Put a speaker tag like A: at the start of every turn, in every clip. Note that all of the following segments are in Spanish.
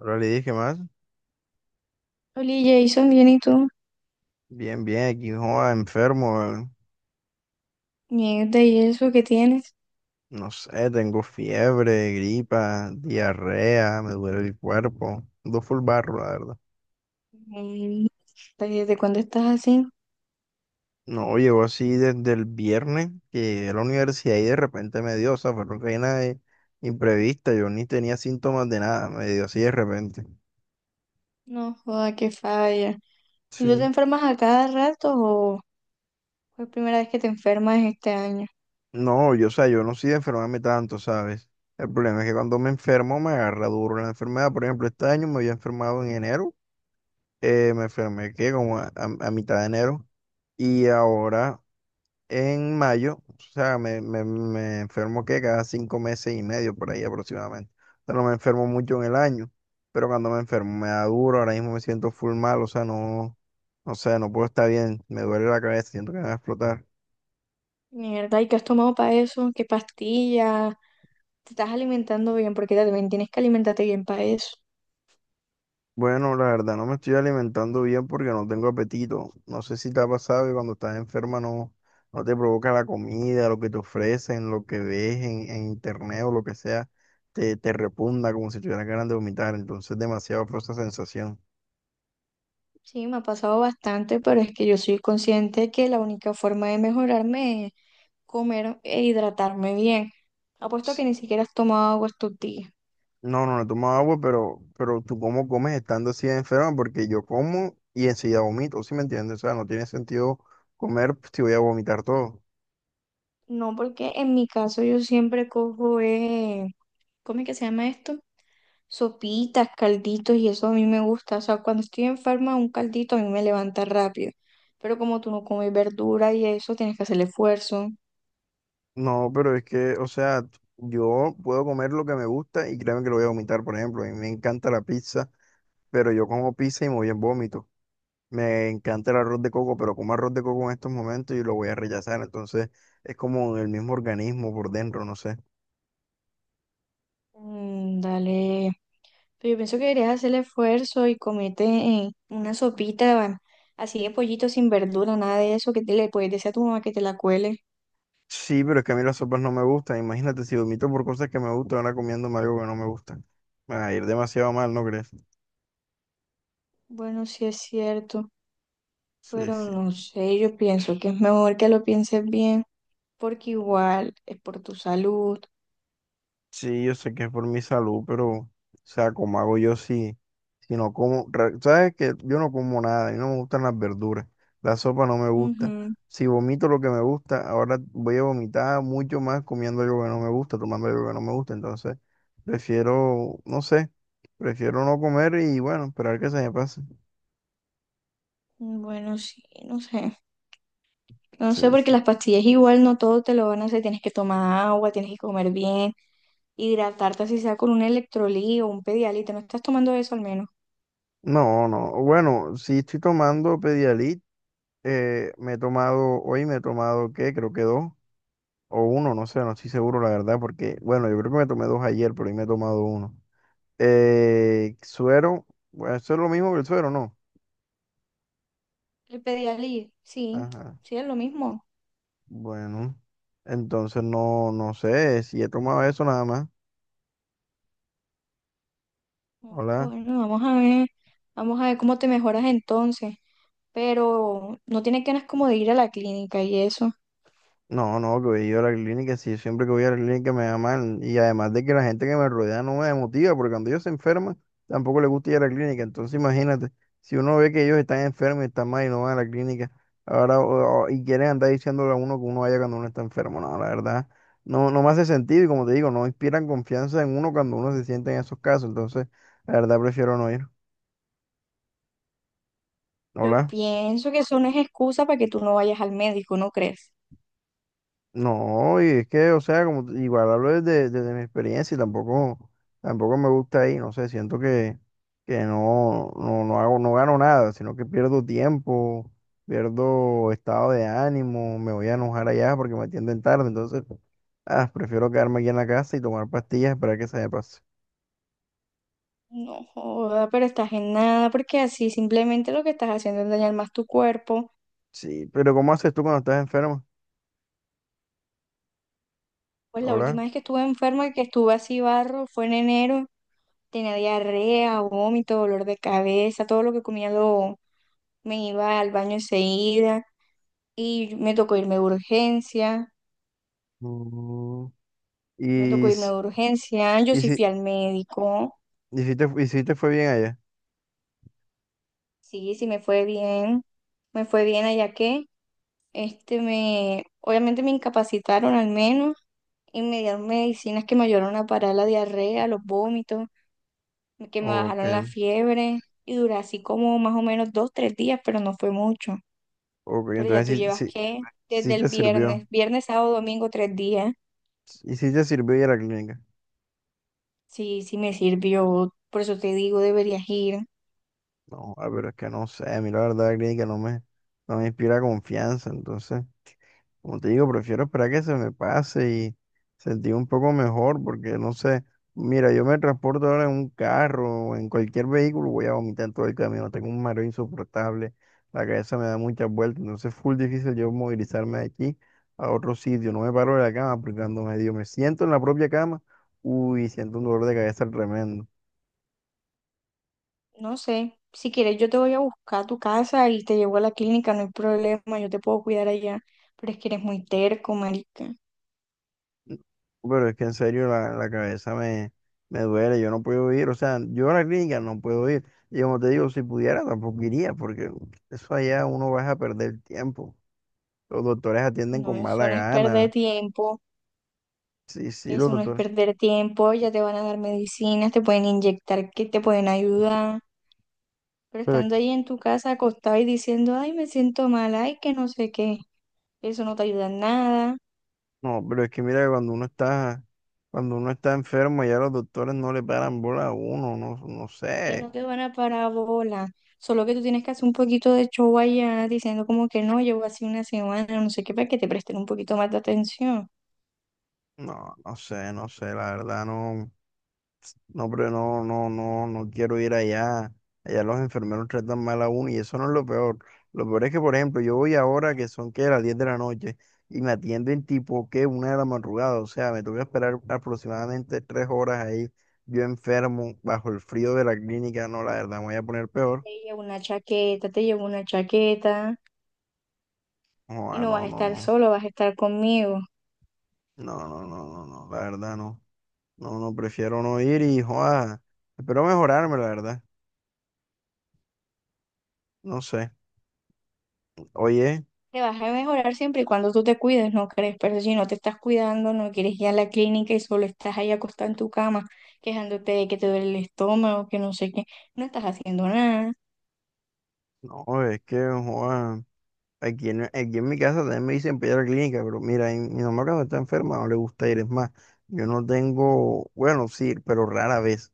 A: Ahora le dije más.
B: Oli, Jason, bien, ¿y tú?
A: Bien, bien, aquí joda, enfermo.
B: Mierda, ¿y eso que tienes?
A: No sé, tengo fiebre, gripa, diarrea, me duele el cuerpo. Ando full barro, la verdad.
B: Mm, ¿desde cuándo estás así?
A: No, llegó así desde el viernes que llegué a la universidad y de repente me dio, o sea, fue una vaina imprevista. Yo ni tenía síntomas de nada, me dio así de repente.
B: No, joda, qué falla. ¿Y tú te
A: Sí.
B: enfermas a cada rato o fue la primera vez que te enfermas este año?
A: No, yo, o sea, yo no soy de enfermarme tanto, ¿sabes? El problema es que cuando me enfermo me agarra duro la enfermedad. Por ejemplo, este año me había enfermado en enero. Me enfermé que como a mitad de enero y ahora en mayo. O sea, me enfermo que cada 5 meses y medio por ahí aproximadamente. O sea, no me enfermo mucho en el año, pero cuando me enfermo me da duro. Ahora mismo me siento full mal, o sea, no, no sé, no puedo estar bien, me duele la cabeza, siento que me va a explotar.
B: Mierda, ¿y qué has tomado para eso? ¿Qué pastillas? ¿Te estás alimentando bien? Porque también tienes que alimentarte bien para eso.
A: Bueno, la verdad no me estoy alimentando bien porque no tengo apetito. No sé si te ha pasado que cuando estás enferma no, no te provoca la comida, lo que te ofrecen, lo que ves en internet o lo que sea, te repugna como si tuvieras ganas de vomitar. Entonces, demasiado fue esa sensación.
B: Sí, me ha pasado bastante, pero es que yo soy consciente que la única forma de mejorarme es comer e hidratarme bien. Apuesto a que ni siquiera has tomado agua estos días.
A: No, no, no tomo agua, pero tú cómo comes estando así de enferma, porque yo como y enseguida vomito, ¿sí me entiendes? O sea, no tiene sentido comer pues, si voy a vomitar todo.
B: No, porque en mi caso yo siempre cojo, ¿cómo es que se llama esto? Sopitas, calditos y eso a mí me gusta. O sea, cuando estoy enferma, un caldito a mí me levanta rápido. Pero como tú no comes verdura y eso, tienes que hacer el esfuerzo.
A: No, pero es que, o sea, yo puedo comer lo que me gusta y créeme que lo voy a vomitar. Por ejemplo, a mí me encanta la pizza, pero yo como pizza y me voy en vómito. Me encanta el arroz de coco, pero como arroz de coco en estos momentos y lo voy a rechazar. Entonces, es como el mismo organismo por dentro, no sé.
B: Mm, dale. Pero yo pienso que deberías hacer el esfuerzo y comete una sopita así de pollito sin verdura, nada de eso, que te le puedes decir a tu mamá que te la cuele.
A: Sí, pero es que a mí las sopas no me gustan. Imagínate, si vomito por cosas que me gustan, ahora comiéndome algo que no me gusta. Me va a ir demasiado mal, ¿no crees?
B: Bueno, sí es cierto,
A: Sí,
B: pero
A: sí.
B: no sé, yo pienso que es mejor que lo pienses bien, porque igual es por tu salud.
A: Sí, yo sé que es por mi salud, pero, o sea, ¿cómo hago yo si no como? ¿Sabes que yo no como nada, y no me gustan las verduras, la sopa no me gusta?
B: Ujú.
A: Si vomito lo que me gusta, ahora voy a vomitar mucho más comiendo algo que no me gusta, tomando algo que no me gusta. Entonces, prefiero, no sé, prefiero no comer y, bueno, esperar que se me pase.
B: Bueno, sí, no sé. No
A: Sí,
B: sé, porque
A: sí.
B: las pastillas igual no todo te lo van a hacer. Tienes que tomar agua, tienes que comer bien, hidratarte así sea con un electrolí o un Pedialyte. ¿Te no estás tomando eso al menos?
A: No, no. Bueno, si estoy tomando Pedialyte. Me he tomado, hoy me he tomado, ¿qué? Creo que dos. O uno, no sé, no estoy seguro la verdad, porque, bueno, yo creo que me tomé dos ayer, pero hoy me he tomado uno. Suero, bueno, eso es lo mismo que el suero, ¿no?
B: El Pedialyte, sí,
A: Ajá.
B: sí es lo mismo.
A: Bueno, entonces no, no sé si he tomado eso nada más. Hola.
B: Bueno, vamos a ver cómo te mejoras entonces. Pero no tienes ganas como de ir a la clínica y eso.
A: No, no, que voy yo a la clínica, sí, siempre que voy a la clínica me da mal. Y además de que la gente que me rodea no me motiva, porque cuando ellos se enferman, tampoco les gusta ir a la clínica. Entonces, imagínate, si uno ve que ellos están enfermos y están mal y no van a la clínica, ahora y quieren andar diciéndole a uno que uno vaya cuando uno está enfermo. No, la verdad, no me hace sentido y, como te digo, no inspiran confianza en uno cuando uno se siente en esos casos. Entonces, la verdad prefiero no ir.
B: Yo
A: Hola.
B: pienso que eso no es excusa para que tú no vayas al médico, ¿no crees?
A: No, y es que, o sea, como igual hablo desde mi experiencia y tampoco me gusta ahí, no sé, siento que no, no, no hago, no gano nada, sino que pierdo tiempo, pierdo estado de ánimo, me voy a enojar allá porque me atienden tarde, entonces, ah, prefiero quedarme aquí en la casa y tomar pastillas para que se me pase.
B: No joda, pero estás en nada, porque así simplemente lo que estás haciendo es dañar más tu cuerpo.
A: Sí, pero ¿cómo haces tú cuando estás enfermo?
B: Pues la
A: Hola.
B: última vez que estuve enferma, que estuve así barro, fue en enero. Tenía diarrea, vómito, dolor de cabeza, todo lo que comía lo, me iba al baño enseguida. Y me tocó irme de urgencia,
A: Mm.
B: me tocó
A: Y,
B: irme
A: si-
B: de urgencia. Yo
A: y
B: sí
A: si,
B: fui al médico,
A: y si te fue bien allá.
B: sí, sí me fue bien allá que, me, obviamente me incapacitaron al menos y me dieron medicinas que me ayudaron a parar la diarrea, los vómitos, que me
A: Ok.
B: bajaron la fiebre y duré así como más o menos dos, tres días, pero no fue mucho.
A: Ok,
B: Pero ya tú
A: entonces
B: llevas
A: sí, sí,
B: que
A: sí
B: desde
A: te
B: el
A: sirvió.
B: viernes, viernes, sábado, domingo, tres días.
A: Y sí te sirvió ir a la clínica.
B: Sí, sí me sirvió, por eso te digo, deberías ir.
A: No, ah, pero es que no sé, a mí la verdad la clínica no me inspira confianza, entonces. Como te digo, prefiero esperar que se me pase y sentir un poco mejor, porque no sé, mira, yo me transporto ahora en un carro o en cualquier vehículo, voy a vomitar todo el camino, tengo un mareo insoportable, la cabeza me da muchas vueltas. Entonces, es full difícil yo movilizarme de aquí a otro sitio, no me paro de la cama, porque cuando medio me siento en la propia cama, uy, siento un dolor de cabeza tremendo.
B: No sé, si quieres yo te voy a buscar a tu casa y te llevo a la clínica, no hay problema, yo te puedo cuidar allá, pero es que eres muy terco, marica.
A: Pero es que en serio la cabeza me duele, yo no puedo ir, o sea, yo a la clínica no puedo ir. Y como te digo, si pudiera tampoco iría, porque eso allá uno va a perder tiempo. Los doctores atienden
B: No,
A: con mala
B: eso no es perder
A: gana,
B: tiempo.
A: sí, sí, los
B: Eso no es
A: doctores.
B: perder tiempo, ya te van a dar medicinas, te pueden inyectar, que te pueden ayudar, pero
A: Pero es
B: estando
A: que,
B: ahí en tu casa acostado y diciendo, ay, me siento mal, ay, que no sé qué, eso no te ayuda en nada,
A: no, pero es que mira, cuando uno está enfermo, ya los doctores no le paran bola a uno, no, no
B: que
A: sé,
B: no te van a parábola, solo que tú tienes que hacer un poquito de show allá diciendo como que no, llevo así una semana, no sé qué, para que te presten un poquito más de atención.
A: no, no sé, no sé, la verdad no. No, pero no, no, no, no quiero ir allá. Allá los enfermeros tratan mal a uno y eso no es lo peor. Lo peor es que, por ejemplo, yo voy ahora que son que las 10 de la noche y me atienden tipo que 1 de la madrugada. O sea, me tuve que esperar aproximadamente 3 horas ahí, yo enfermo, bajo el frío de la clínica. No, la verdad, me voy a poner peor.
B: Te llevo una chaqueta, te llevo una chaqueta y
A: Joa,
B: no vas
A: no,
B: a
A: no,
B: estar
A: no.
B: solo, vas a estar conmigo.
A: No, no, no, no, no. La verdad, no. No, no, prefiero no ir y, joa, espero mejorarme, la verdad. No sé. Oye,
B: Te vas a mejorar siempre y cuando tú te cuides, ¿no crees? Pero si no te estás cuidando, no quieres ir a la clínica y solo estás ahí acostada en tu cama, quejándote de que te duele el estómago, que no sé qué, no estás haciendo nada.
A: no, es que, joa. Aquí en, aquí en mi casa también me dicen para ir a la clínica, pero mira, mi mamá cuando está enferma no le gusta ir, es más, yo no tengo, bueno, sí, pero rara vez,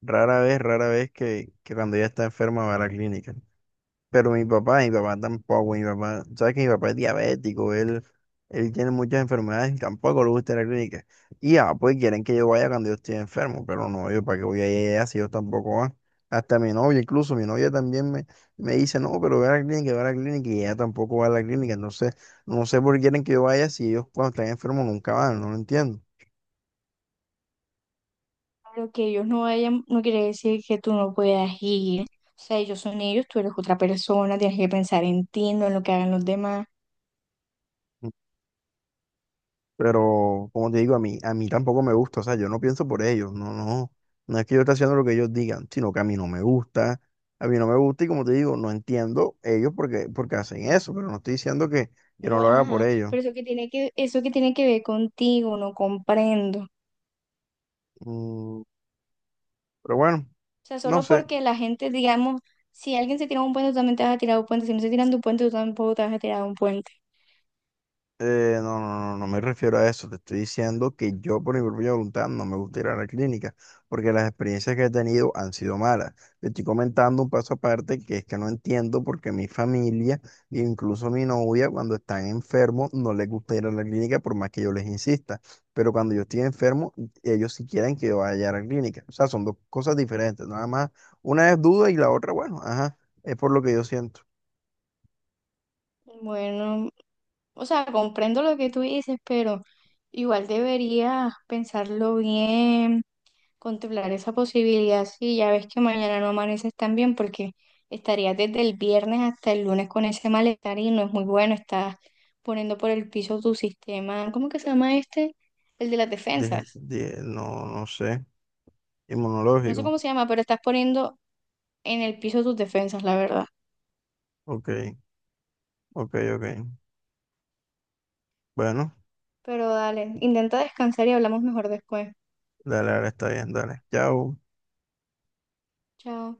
A: rara vez, rara vez que cuando ella está enferma va a la clínica. Pero mi papá tampoco, mi papá, sabes que mi papá es diabético, él tiene muchas enfermedades y tampoco le gusta ir a la clínica. Y ya, pues quieren que yo vaya cuando yo estoy enfermo, pero no, yo para qué voy a ir allá si yo tampoco voy. Hasta mi novia, incluso mi novia también me dice, no, pero ve a la clínica, ve a la clínica, y ella tampoco va a la clínica, entonces no sé por qué quieren que yo vaya si ellos cuando están enfermos nunca van, no lo entiendo.
B: Lo que ellos no vayan, no quiere decir que tú no puedas ir. O sea, ellos son ellos, tú eres otra persona, tienes que pensar en ti, no en lo que hagan los demás.
A: Pero, como te digo, a mí tampoco me gusta, o sea, yo no pienso por ellos, no, no, no es que yo esté haciendo lo que ellos digan, sino que a mí no me gusta, a mí no me gusta y, como te digo, no entiendo ellos porque, porque hacen eso, pero no estoy diciendo que yo no
B: Pero,
A: lo haga por
B: ajá,
A: ellos.
B: pero eso que tiene que ver contigo, no comprendo.
A: Mm, pero bueno,
B: O sea,
A: no
B: solo
A: sé.
B: porque la gente, digamos, si alguien se tira de un puente, tú también te vas a tirar de un puente. Si no se tiran de un puente, tú tampoco te vas a tirar de un puente.
A: No, no, no, no me refiero a eso. Te estoy diciendo que yo por mi propia voluntad no me gusta ir a la clínica porque las experiencias que he tenido han sido malas. Te estoy comentando un paso aparte que es que no entiendo por qué mi familia, e incluso mi novia, cuando están enfermos no les gusta ir a la clínica por más que yo les insista. Pero cuando yo estoy enfermo, ellos sí quieren que yo vaya a la clínica. O sea, son dos cosas diferentes. Nada más, una es duda y la otra, bueno, ajá, es por lo que yo siento.
B: Bueno, o sea, comprendo lo que tú dices, pero igual deberías pensarlo bien, contemplar esa posibilidad. Sí, ya ves que mañana no amaneces tan bien porque estarías desde el viernes hasta el lunes con ese malestar y no es muy bueno. Estás poniendo por el piso tu sistema, ¿cómo que se llama este? El de las defensas.
A: No, no sé,
B: No sé
A: inmunológico.
B: cómo se llama, pero estás poniendo en el piso tus defensas, la verdad.
A: Ok, ok, ok. Bueno,
B: Pero dale, intenta descansar y hablamos mejor después.
A: dale, ahora está bien, dale. Chao.
B: Chao.